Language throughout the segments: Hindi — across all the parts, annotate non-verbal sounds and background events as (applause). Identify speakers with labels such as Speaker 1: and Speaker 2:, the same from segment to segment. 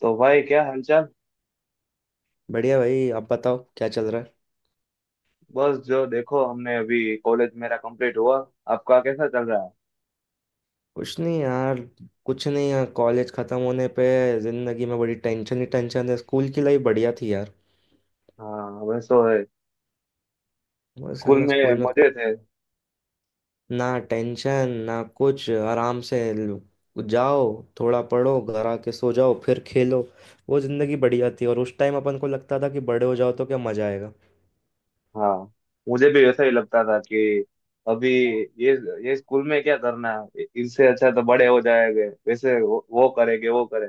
Speaker 1: तो भाई, क्या हालचाल?
Speaker 2: बढ़िया भाई। आप बताओ क्या चल रहा है।
Speaker 1: बस जो देखो, हमने अभी कॉलेज मेरा कंप्लीट हुआ। आपका कैसा चल रहा है?
Speaker 2: कुछ नहीं यार कुछ नहीं यार, कॉलेज खत्म होने पे जिंदगी में बड़ी टेंशन ही टेंशन है। स्कूल की लाइफ बढ़िया थी यार।
Speaker 1: हाँ, वैसे है।
Speaker 2: वो
Speaker 1: स्कूल
Speaker 2: साला
Speaker 1: में
Speaker 2: स्कूल में कुछ
Speaker 1: मजे थे।
Speaker 2: ना टेंशन ना कुछ, आराम से जाओ, थोड़ा पढ़ो, घर आके सो जाओ, फिर खेलो। वो जिंदगी बढ़िया थी, और उस टाइम अपन को लगता था कि बड़े हो जाओ तो क्या मजा आएगा।
Speaker 1: हाँ, मुझे भी ऐसा ही लगता था कि अभी ये ये स्कूल में क्या करना है, इससे अच्छा तो बड़े हो जाएंगे वैसे वो करेंगे, वो करें।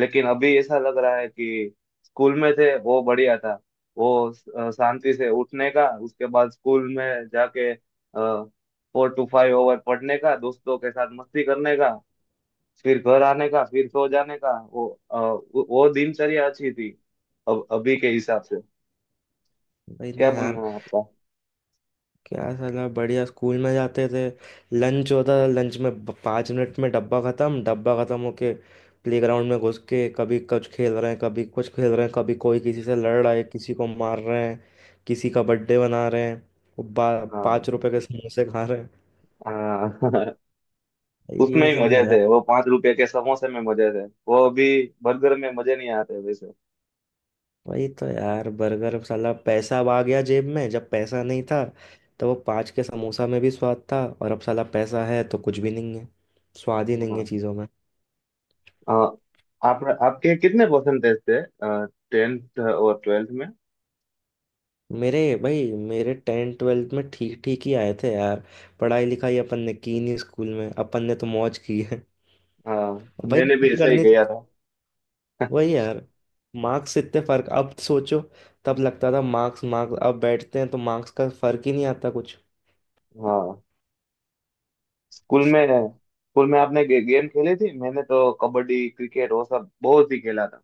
Speaker 1: लेकिन अभी ऐसा लग रहा है कि स्कूल में थे वो बढ़िया था। वो शांति से उठने का, उसके बाद स्कूल में जाके 4 टू 5 ओवर पढ़ने का, दोस्तों के साथ मस्ती करने का, फिर घर आने का, फिर सो जाने का। वो अ, वो दिनचर्या अच्छी थी। अब अभी के हिसाब से।
Speaker 2: भाई ना
Speaker 1: क्या
Speaker 2: यार,
Speaker 1: बोलना है आपका?
Speaker 2: क्या साला बढ़िया स्कूल में जाते थे। लंच होता था, लंच में 5 मिनट में डब्बा ख़त्म। डब्बा ख़त्म होके प्लेग्राउंड में घुस के कभी कुछ खेल रहे हैं, कभी कुछ खेल रहे हैं, कभी कोई किसी से लड़ रहा है, किसी को मार रहे हैं, किसी का बर्थडे मना रहे हैं, वो
Speaker 1: हाँ,
Speaker 2: 5 रुपए के समोसे खा रहे हैं।
Speaker 1: हाँ। (laughs) उसमें
Speaker 2: ये
Speaker 1: ही
Speaker 2: सब
Speaker 1: मजे
Speaker 2: मज़ा।
Speaker 1: थे, वो 5 रुपए के समोसे में मजे थे। वो अभी बर्गर में मजे नहीं आते वैसे।
Speaker 2: वही तो यार, बर्गर साला। पैसा अब आ गया जेब में, जब पैसा नहीं था तो वो 5 के समोसा में भी स्वाद था, और अब साला पैसा है तो कुछ भी नहीं है। स्वाद ही नहीं है
Speaker 1: हाँ।
Speaker 2: चीज़ों में।
Speaker 1: अ, आप आपके कितने परसेंटेज थे टेंथ और ट्वेल्थ में?
Speaker 2: मेरे भाई, मेरे 10th 12th में ठीक ठीक ही आए थे यार। पढ़ाई लिखाई अपन ने की नहीं, स्कूल में अपन ने तो मौज की है।
Speaker 1: हाँ,
Speaker 2: (laughs) भाई,
Speaker 1: मैंने
Speaker 2: मौज
Speaker 1: भी
Speaker 2: ही
Speaker 1: ऐसा ही
Speaker 2: करनी।
Speaker 1: किया था।
Speaker 2: वही
Speaker 1: (laughs)
Speaker 2: यार। मार्क्स, इतने फर्क। अब सोचो, तब लगता था मार्क्स मार्क्स, अब बैठते हैं तो मार्क्स का फर्क ही नहीं आता कुछ।
Speaker 1: हाँ। स्कूल में स्कूल में आपने गेम खेली थी? मैंने तो कबड्डी, क्रिकेट वो सब बहुत ही खेला था।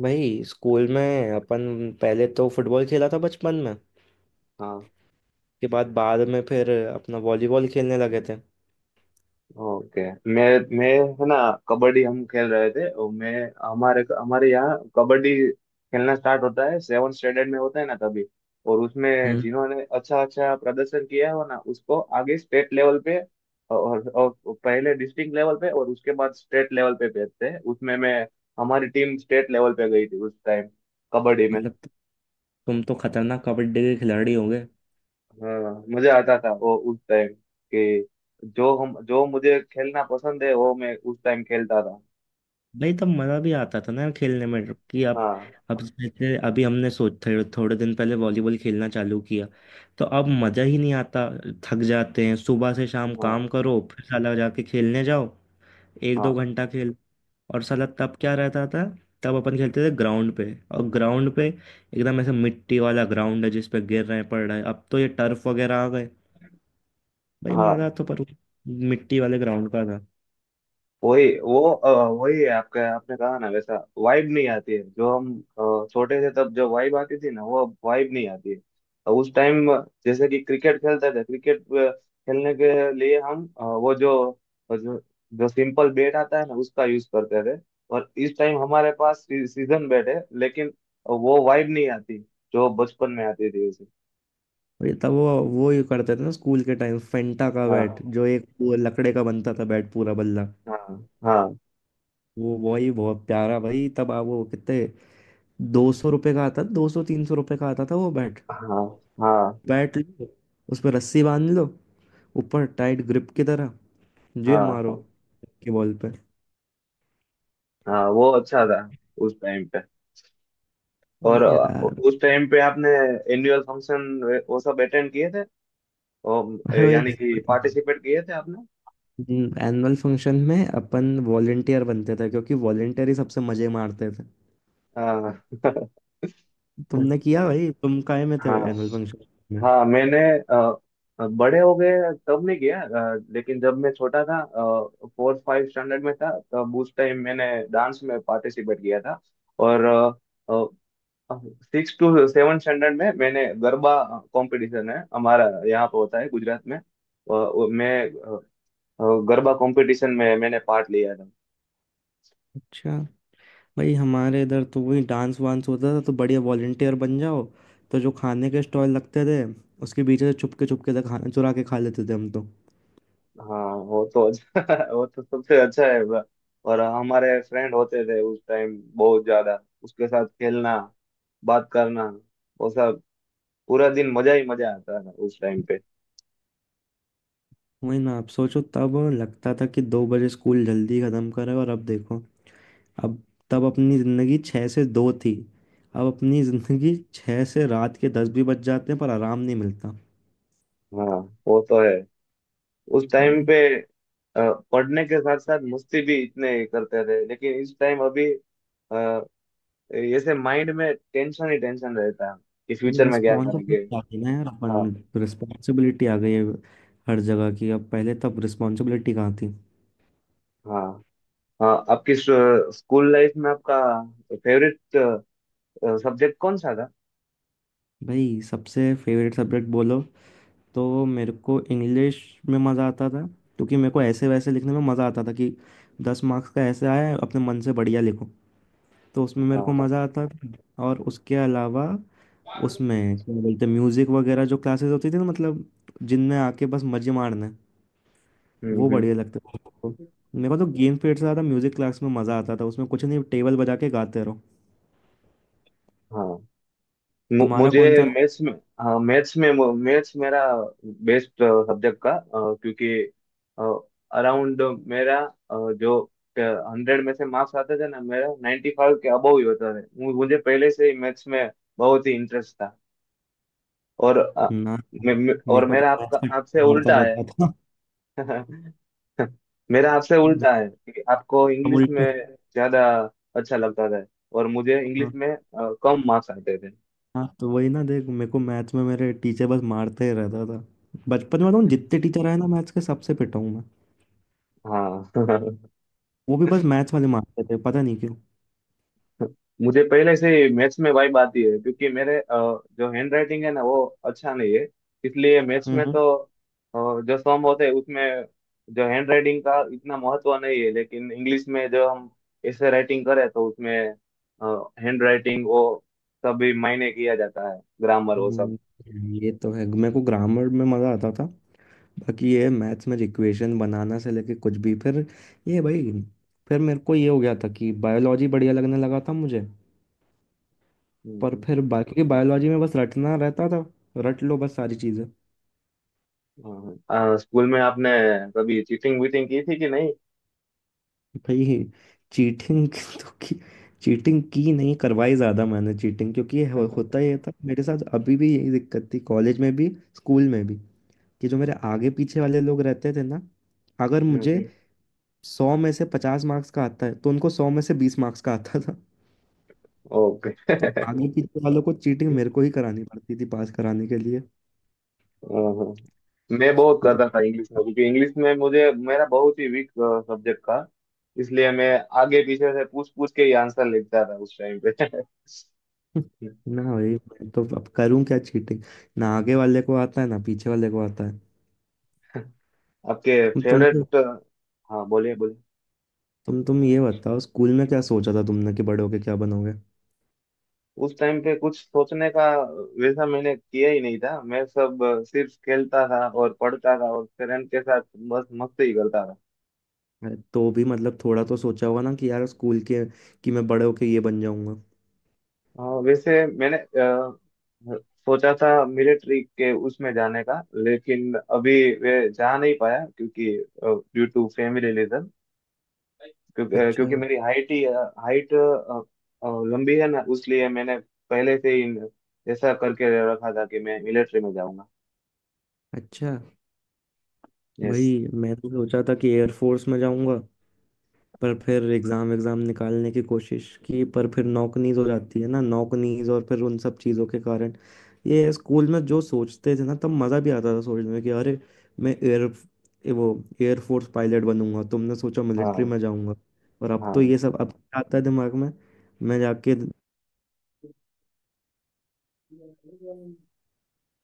Speaker 2: भाई स्कूल में अपन पहले तो फुटबॉल खेला था बचपन में,
Speaker 1: हाँ।
Speaker 2: के बाद बाद में फिर अपना वॉलीबॉल खेलने लगे थे।
Speaker 1: ओके। मैं मैं है ना, कबड्डी हम खेल रहे थे। और मैं, हमारे हमारे यहाँ कबड्डी खेलना स्टार्ट होता है 7 स्टैंडर्ड में होता है ना तभी। और उसमें
Speaker 2: हम्म।
Speaker 1: जिन्होंने अच्छा अच्छा प्रदर्शन किया हो ना उसको आगे स्टेट लेवल पे और पहले डिस्ट्रिक्ट लेवल पे और उसके बाद स्टेट लेवल पे भेजते हैं। उसमें मैं, हमारी टीम स्टेट लेवल पे गई थी उस टाइम, कबड्डी में।
Speaker 2: मतलब तुम तो खतरनाक कबड्डी के खिलाड़ी होगे।
Speaker 1: हाँ, मजा आता था वो उस टाइम। कि जो मुझे खेलना पसंद है वो मैं उस टाइम खेलता था।
Speaker 2: भाई तब मजा भी आता था ना यार खेलने में, कि अब
Speaker 1: हाँ,
Speaker 2: अब जैसे अभी हमने सोच थोड़े थोड़े दिन पहले वॉलीबॉल खेलना चालू किया तो अब मजा ही नहीं आता। थक जाते हैं, सुबह से शाम
Speaker 1: हाँ,
Speaker 2: काम करो फिर साला जाके खेलने जाओ एक दो
Speaker 1: हाँ,
Speaker 2: घंटा खेल। और साला तब क्या रहता था, तब अपन खेलते थे ग्राउंड पे, और ग्राउंड पे एकदम ऐसे मिट्टी वाला ग्राउंड है जिस पे गिर रहे हैं, पड़ रहे हैं। अब तो ये टर्फ वगैरह आ गए। भाई मजा
Speaker 1: हाँ।
Speaker 2: तो पर मिट्टी वाले ग्राउंड का।
Speaker 1: वही है आपका, आपने कहा ना वैसा। वाइब नहीं आती है जो हम छोटे थे तब जो वाइब आती थी ना वो अब वाइब नहीं आती है। और उस टाइम जैसे कि क्रिकेट खेलते थे, क्रिकेट खेलने के लिए हम अ, वो जो जो जो सिंपल बैट आता है ना उसका यूज करते थे। और इस टाइम हमारे पास सीजन बैट है, लेकिन वो वाइब नहीं आती जो बचपन में आती थी उसे।
Speaker 2: ये तब वो ये करते थे ना स्कूल के टाइम, फेंटा का
Speaker 1: हाँ,
Speaker 2: बैट जो एक वो लकड़े का बनता था बैट, पूरा बल्ला।
Speaker 1: हाँ, हाँ,
Speaker 2: वो वही बहुत प्यारा। भाई तब आप वो कितने, 200 रुपये का आता, 200 300 रुपये का आता था वो बैट।
Speaker 1: हाँ, हाँ,
Speaker 2: बैट लो, उस पर रस्सी बांध लो ऊपर टाइट ग्रिप की तरह, जे मारो
Speaker 1: हाँ,
Speaker 2: की बॉल पे।
Speaker 1: हाँ। वो अच्छा था उस टाइम पे।
Speaker 2: वही
Speaker 1: और
Speaker 2: यार।
Speaker 1: उस टाइम पे आपने एनुअल फंक्शन वो सब अटेंड किए थे, और
Speaker 2: अरे भाई,
Speaker 1: यानी कि पार्टिसिपेट किए थे आपने?
Speaker 2: एनुअल फंक्शन में अपन वॉलेंटियर बनते थे क्योंकि वॉलेंटियर ही सबसे मजे मारते थे।
Speaker 1: हाँ। (laughs)
Speaker 2: तुमने किया भाई? तुम काहे में थे
Speaker 1: हाँ,
Speaker 2: एनुअल फंक्शन में?
Speaker 1: हाँ, मैंने बड़े हो गए तब नहीं किया। लेकिन जब मैं छोटा था, फोर्थ फाइव स्टैंडर्ड में था, तब उस टाइम मैंने डांस में पार्टिसिपेट किया था। और 6 टू 7 स्टैंडर्ड में मैंने गरबा कंपटीशन, है हमारा यहाँ पे होता है गुजरात में, मैं गरबा कंपटीशन में मैंने पार्ट लिया था।
Speaker 2: अच्छा। भाई हमारे इधर तो वही डांस वांस होता था, तो बढ़िया, वॉलेंटियर बन जाओ तो जो खाने के स्टॉल लगते थे उसके पीछे से छुपके छुपके से खाना चुरा के खा लेते थे हम तो।
Speaker 1: हाँ, वो तो अच्छा। (laughs) वो तो सबसे अच्छा है। और हमारे फ्रेंड होते थे उस टाइम बहुत ज्यादा, उसके साथ खेलना, बात करना, वो सब। पूरा दिन मजा ही मजा आता था उस टाइम पे।
Speaker 2: वही ना, आप सोचो तब लगता था कि 2 बजे स्कूल जल्दी ख़त्म करे, और अब देखो। अब, तब अपनी ज़िंदगी 6 से 2 थी, अब अपनी ज़िंदगी 6 से रात के 10 भी बज जाते हैं पर आराम नहीं मिलता।
Speaker 1: हाँ, वो तो है। उस टाइम
Speaker 2: भाई
Speaker 1: पे अ, पढ़ने के साथ साथ मस्ती भी इतने करते थे, लेकिन इस टाइम अभी जैसे माइंड में टेंशन ही टेंशन रहता है कि
Speaker 2: ये
Speaker 1: फ्यूचर में क्या करेंगे।
Speaker 2: रिस्पॉन्सिबिलिटी आ गई ना यार, अपन
Speaker 1: हाँ,
Speaker 2: रिस्पॉन्सिबिलिटी आ गई है हर जगह की। अब पहले, तब रिस्पॉन्सिबिलिटी कहाँ थी।
Speaker 1: हाँ। हाँ, आपकी स्कूल लाइफ में आपका फेवरेट सब्जेक्ट कौन सा था?
Speaker 2: भाई सबसे फेवरेट सब्जेक्ट बोलो तो मेरे को इंग्लिश में मज़ा आता था, क्योंकि मेरे को ऐसे वैसे लिखने में मज़ा आता था कि 10 मार्क्स का ऐसे आया है, अपने मन से बढ़िया लिखो, तो उसमें मेरे
Speaker 1: हाँ,
Speaker 2: को
Speaker 1: हाँ।
Speaker 2: मज़ा आता था। और उसके अलावा उसमें क्या बोलते म्यूज़िक वगैरह जो क्लासेस होती थी ना, मतलब जिनमें आके बस मज़े मारने,
Speaker 1: हम्म,
Speaker 2: वो
Speaker 1: हम्म।
Speaker 2: बढ़िया लगते थे मेरे को। मेरे को तो गेम पीरियड से ज़्यादा म्यूज़िक क्लास में मज़ा आता था, उसमें कुछ नहीं टेबल बजा के गाते रहो।
Speaker 1: हाँ।
Speaker 2: तुम्हारा
Speaker 1: मुझे
Speaker 2: कौन सा?
Speaker 1: मैथ्स में। हाँ, मैथ्स में। मैथ्स मेरा बेस्ट सब्जेक्ट का, क्योंकि अराउंड मेरा जो 100 में से मार्क्स आते थे ना, मेरा 95 के अबव ही होता था। मुझे पहले से ही मैथ्स में बहुत ही इंटरेस्ट था। और अ,
Speaker 2: ना,
Speaker 1: मे- मे-
Speaker 2: मेरे
Speaker 1: और
Speaker 2: को तो
Speaker 1: मेरा, आपका
Speaker 2: मैथ्स का
Speaker 1: आपसे
Speaker 2: मारता
Speaker 1: उल्टा है।
Speaker 2: रहता था।
Speaker 1: (laughs) मेरा आपसे उल्टा है
Speaker 2: (laughs)
Speaker 1: कि आपको
Speaker 2: अब
Speaker 1: इंग्लिश में
Speaker 2: उल्टा।
Speaker 1: ज्यादा अच्छा लगता था और मुझे इंग्लिश
Speaker 2: हाँ
Speaker 1: में कम मार्क्स आते थे।
Speaker 2: हाँ, तो वही ना देख, मेरे को मैथ्स में मेरे टीचर बस मारते ही रहता था। बचपन में बताऊँ, जितने टीचर आए ना मैथ्स के, सबसे पिटा हूँ मैं।
Speaker 1: हाँ।
Speaker 2: वो भी बस
Speaker 1: (laughs)
Speaker 2: मैथ्स वाले मारते थे, पता नहीं क्यों।
Speaker 1: मुझे पहले से ही मैथ्स में वाइब आती है क्योंकि मेरे जो हैंड राइटिंग है ना वो अच्छा नहीं है। इसलिए मैथ्स में
Speaker 2: हम्म
Speaker 1: तो जो सम होते हैं उसमें जो हैंड राइटिंग का इतना महत्व नहीं है, लेकिन इंग्लिश में जो हम ऐसे राइटिंग करें तो उसमें हैंड राइटिंग वो सब भी मायने किया जाता है, ग्रामर वो सब।
Speaker 2: हम्म, ये तो है, मेरे को ग्रामर में मज़ा आता था। बाकी ये मैथ्स में इक्वेशन बनाना से लेके कुछ भी फिर, ये भाई, फिर मेरे को ये हो गया था कि बायोलॉजी बढ़िया लगने लगा था मुझे। पर
Speaker 1: हम्म।
Speaker 2: फिर बाकी बायोलॉजी में बस रटना रहता था, रट लो बस सारी चीज़ें।
Speaker 1: हाँ, हाँ। स्कूल में आपने कभी चीटिंग वीटिंग की थी कि नहीं?
Speaker 2: भाई चीटिंग (laughs) तो की। चीटिंग की नहीं, करवाई ज़्यादा मैंने चीटिंग। क्योंकि ये होता
Speaker 1: (laughs)
Speaker 2: ही था मेरे साथ, अभी भी यही दिक्कत थी कॉलेज में भी, स्कूल में भी, कि जो मेरे आगे पीछे वाले लोग रहते थे ना, अगर मुझे
Speaker 1: हम्म।
Speaker 2: 100 में से 50 मार्क्स का आता है तो उनको 100 में से 20 मार्क्स का आता था।
Speaker 1: ओके।
Speaker 2: तो आगे पीछे वालों को चीटिंग
Speaker 1: (laughs)
Speaker 2: मेरे को ही करानी पड़ती थी पास कराने के लिए। (laughs)
Speaker 1: हाँ। मैं बहुत
Speaker 2: दिक-
Speaker 1: करता था इंग्लिश में क्योंकि इंग्लिश में मुझे, मेरा बहुत ही वीक सब्जेक्ट था, इसलिए मैं आगे पीछे से पूछ पूछ के ही आंसर लिखता था उस टाइम पे। (laughs)
Speaker 2: ना भाई मैं तो अब करूं क्या चीटिंग, ना आगे वाले को आता है ना पीछे वाले को आता है।
Speaker 1: आपके
Speaker 2: तुम
Speaker 1: फेवरेट। हाँ, बोलिए बोलिए।
Speaker 2: तुम ये बताओ स्कूल में क्या सोचा था तुमने कि बड़े होके क्या बनोगे।
Speaker 1: उस टाइम पे कुछ सोचने का वैसा मैंने किया ही नहीं था। मैं सब सिर्फ खेलता था और पढ़ता था और पेरेंट के साथ बस मस्ती ही करता था।
Speaker 2: अरे तो भी मतलब थोड़ा तो सोचा होगा ना कि यार स्कूल के, कि मैं बड़े होके ये बन जाऊंगा।
Speaker 1: हाँ, वैसे मैंने सोचा था मिलिट्री के उसमें जाने का, लेकिन अभी वे जा नहीं पाया क्योंकि ड्यू टू फैमिली रीजन। क्योंकि
Speaker 2: अच्छा।
Speaker 1: क्योंकि मेरी हाइट लंबी है ना, उसलिए मैंने पहले से ही ऐसा करके रखा था कि मैं मिलिट्री में जाऊंगा।
Speaker 2: अच्छा
Speaker 1: यस।
Speaker 2: भाई, मैं तो सोचा था कि एयरफोर्स में जाऊंगा, पर फिर एग्ज़ाम एग्ज़ाम निकालने की कोशिश की, पर फिर नौकनीज हो जाती है ना, नौकनीज और फिर उन सब चीज़ों के कारण, ये स्कूल में जो सोचते थे ना तब मज़ा भी आता था सोचने में, कि अरे मैं एयर वो एयरफोर्स पायलट बनूंगा, तुमने सोचा मिलिट्री में
Speaker 1: हाँ,
Speaker 2: जाऊंगा। और अब
Speaker 1: हाँ,
Speaker 2: तो ये सब, अब क्या आता है दिमाग में। मैं जाके,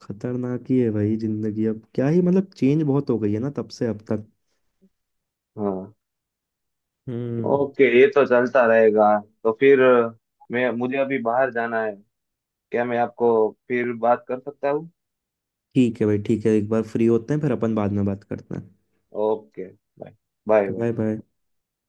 Speaker 2: खतरनाक ही है भाई ज़िंदगी। अब क्या ही मतलब, चेंज बहुत हो गई है ना तब से अब तक।
Speaker 1: हाँ।
Speaker 2: हम्म।
Speaker 1: ओके, ये तो चलता रहेगा। तो फिर मैं मुझे अभी बाहर जाना है, क्या मैं आपको फिर बात कर सकता हूँ?
Speaker 2: ठीक है भाई, ठीक है, एक बार फ्री होते हैं फिर अपन बाद में बात करते हैं।
Speaker 1: Okay. Bye, bye, bye.
Speaker 2: Bye bye.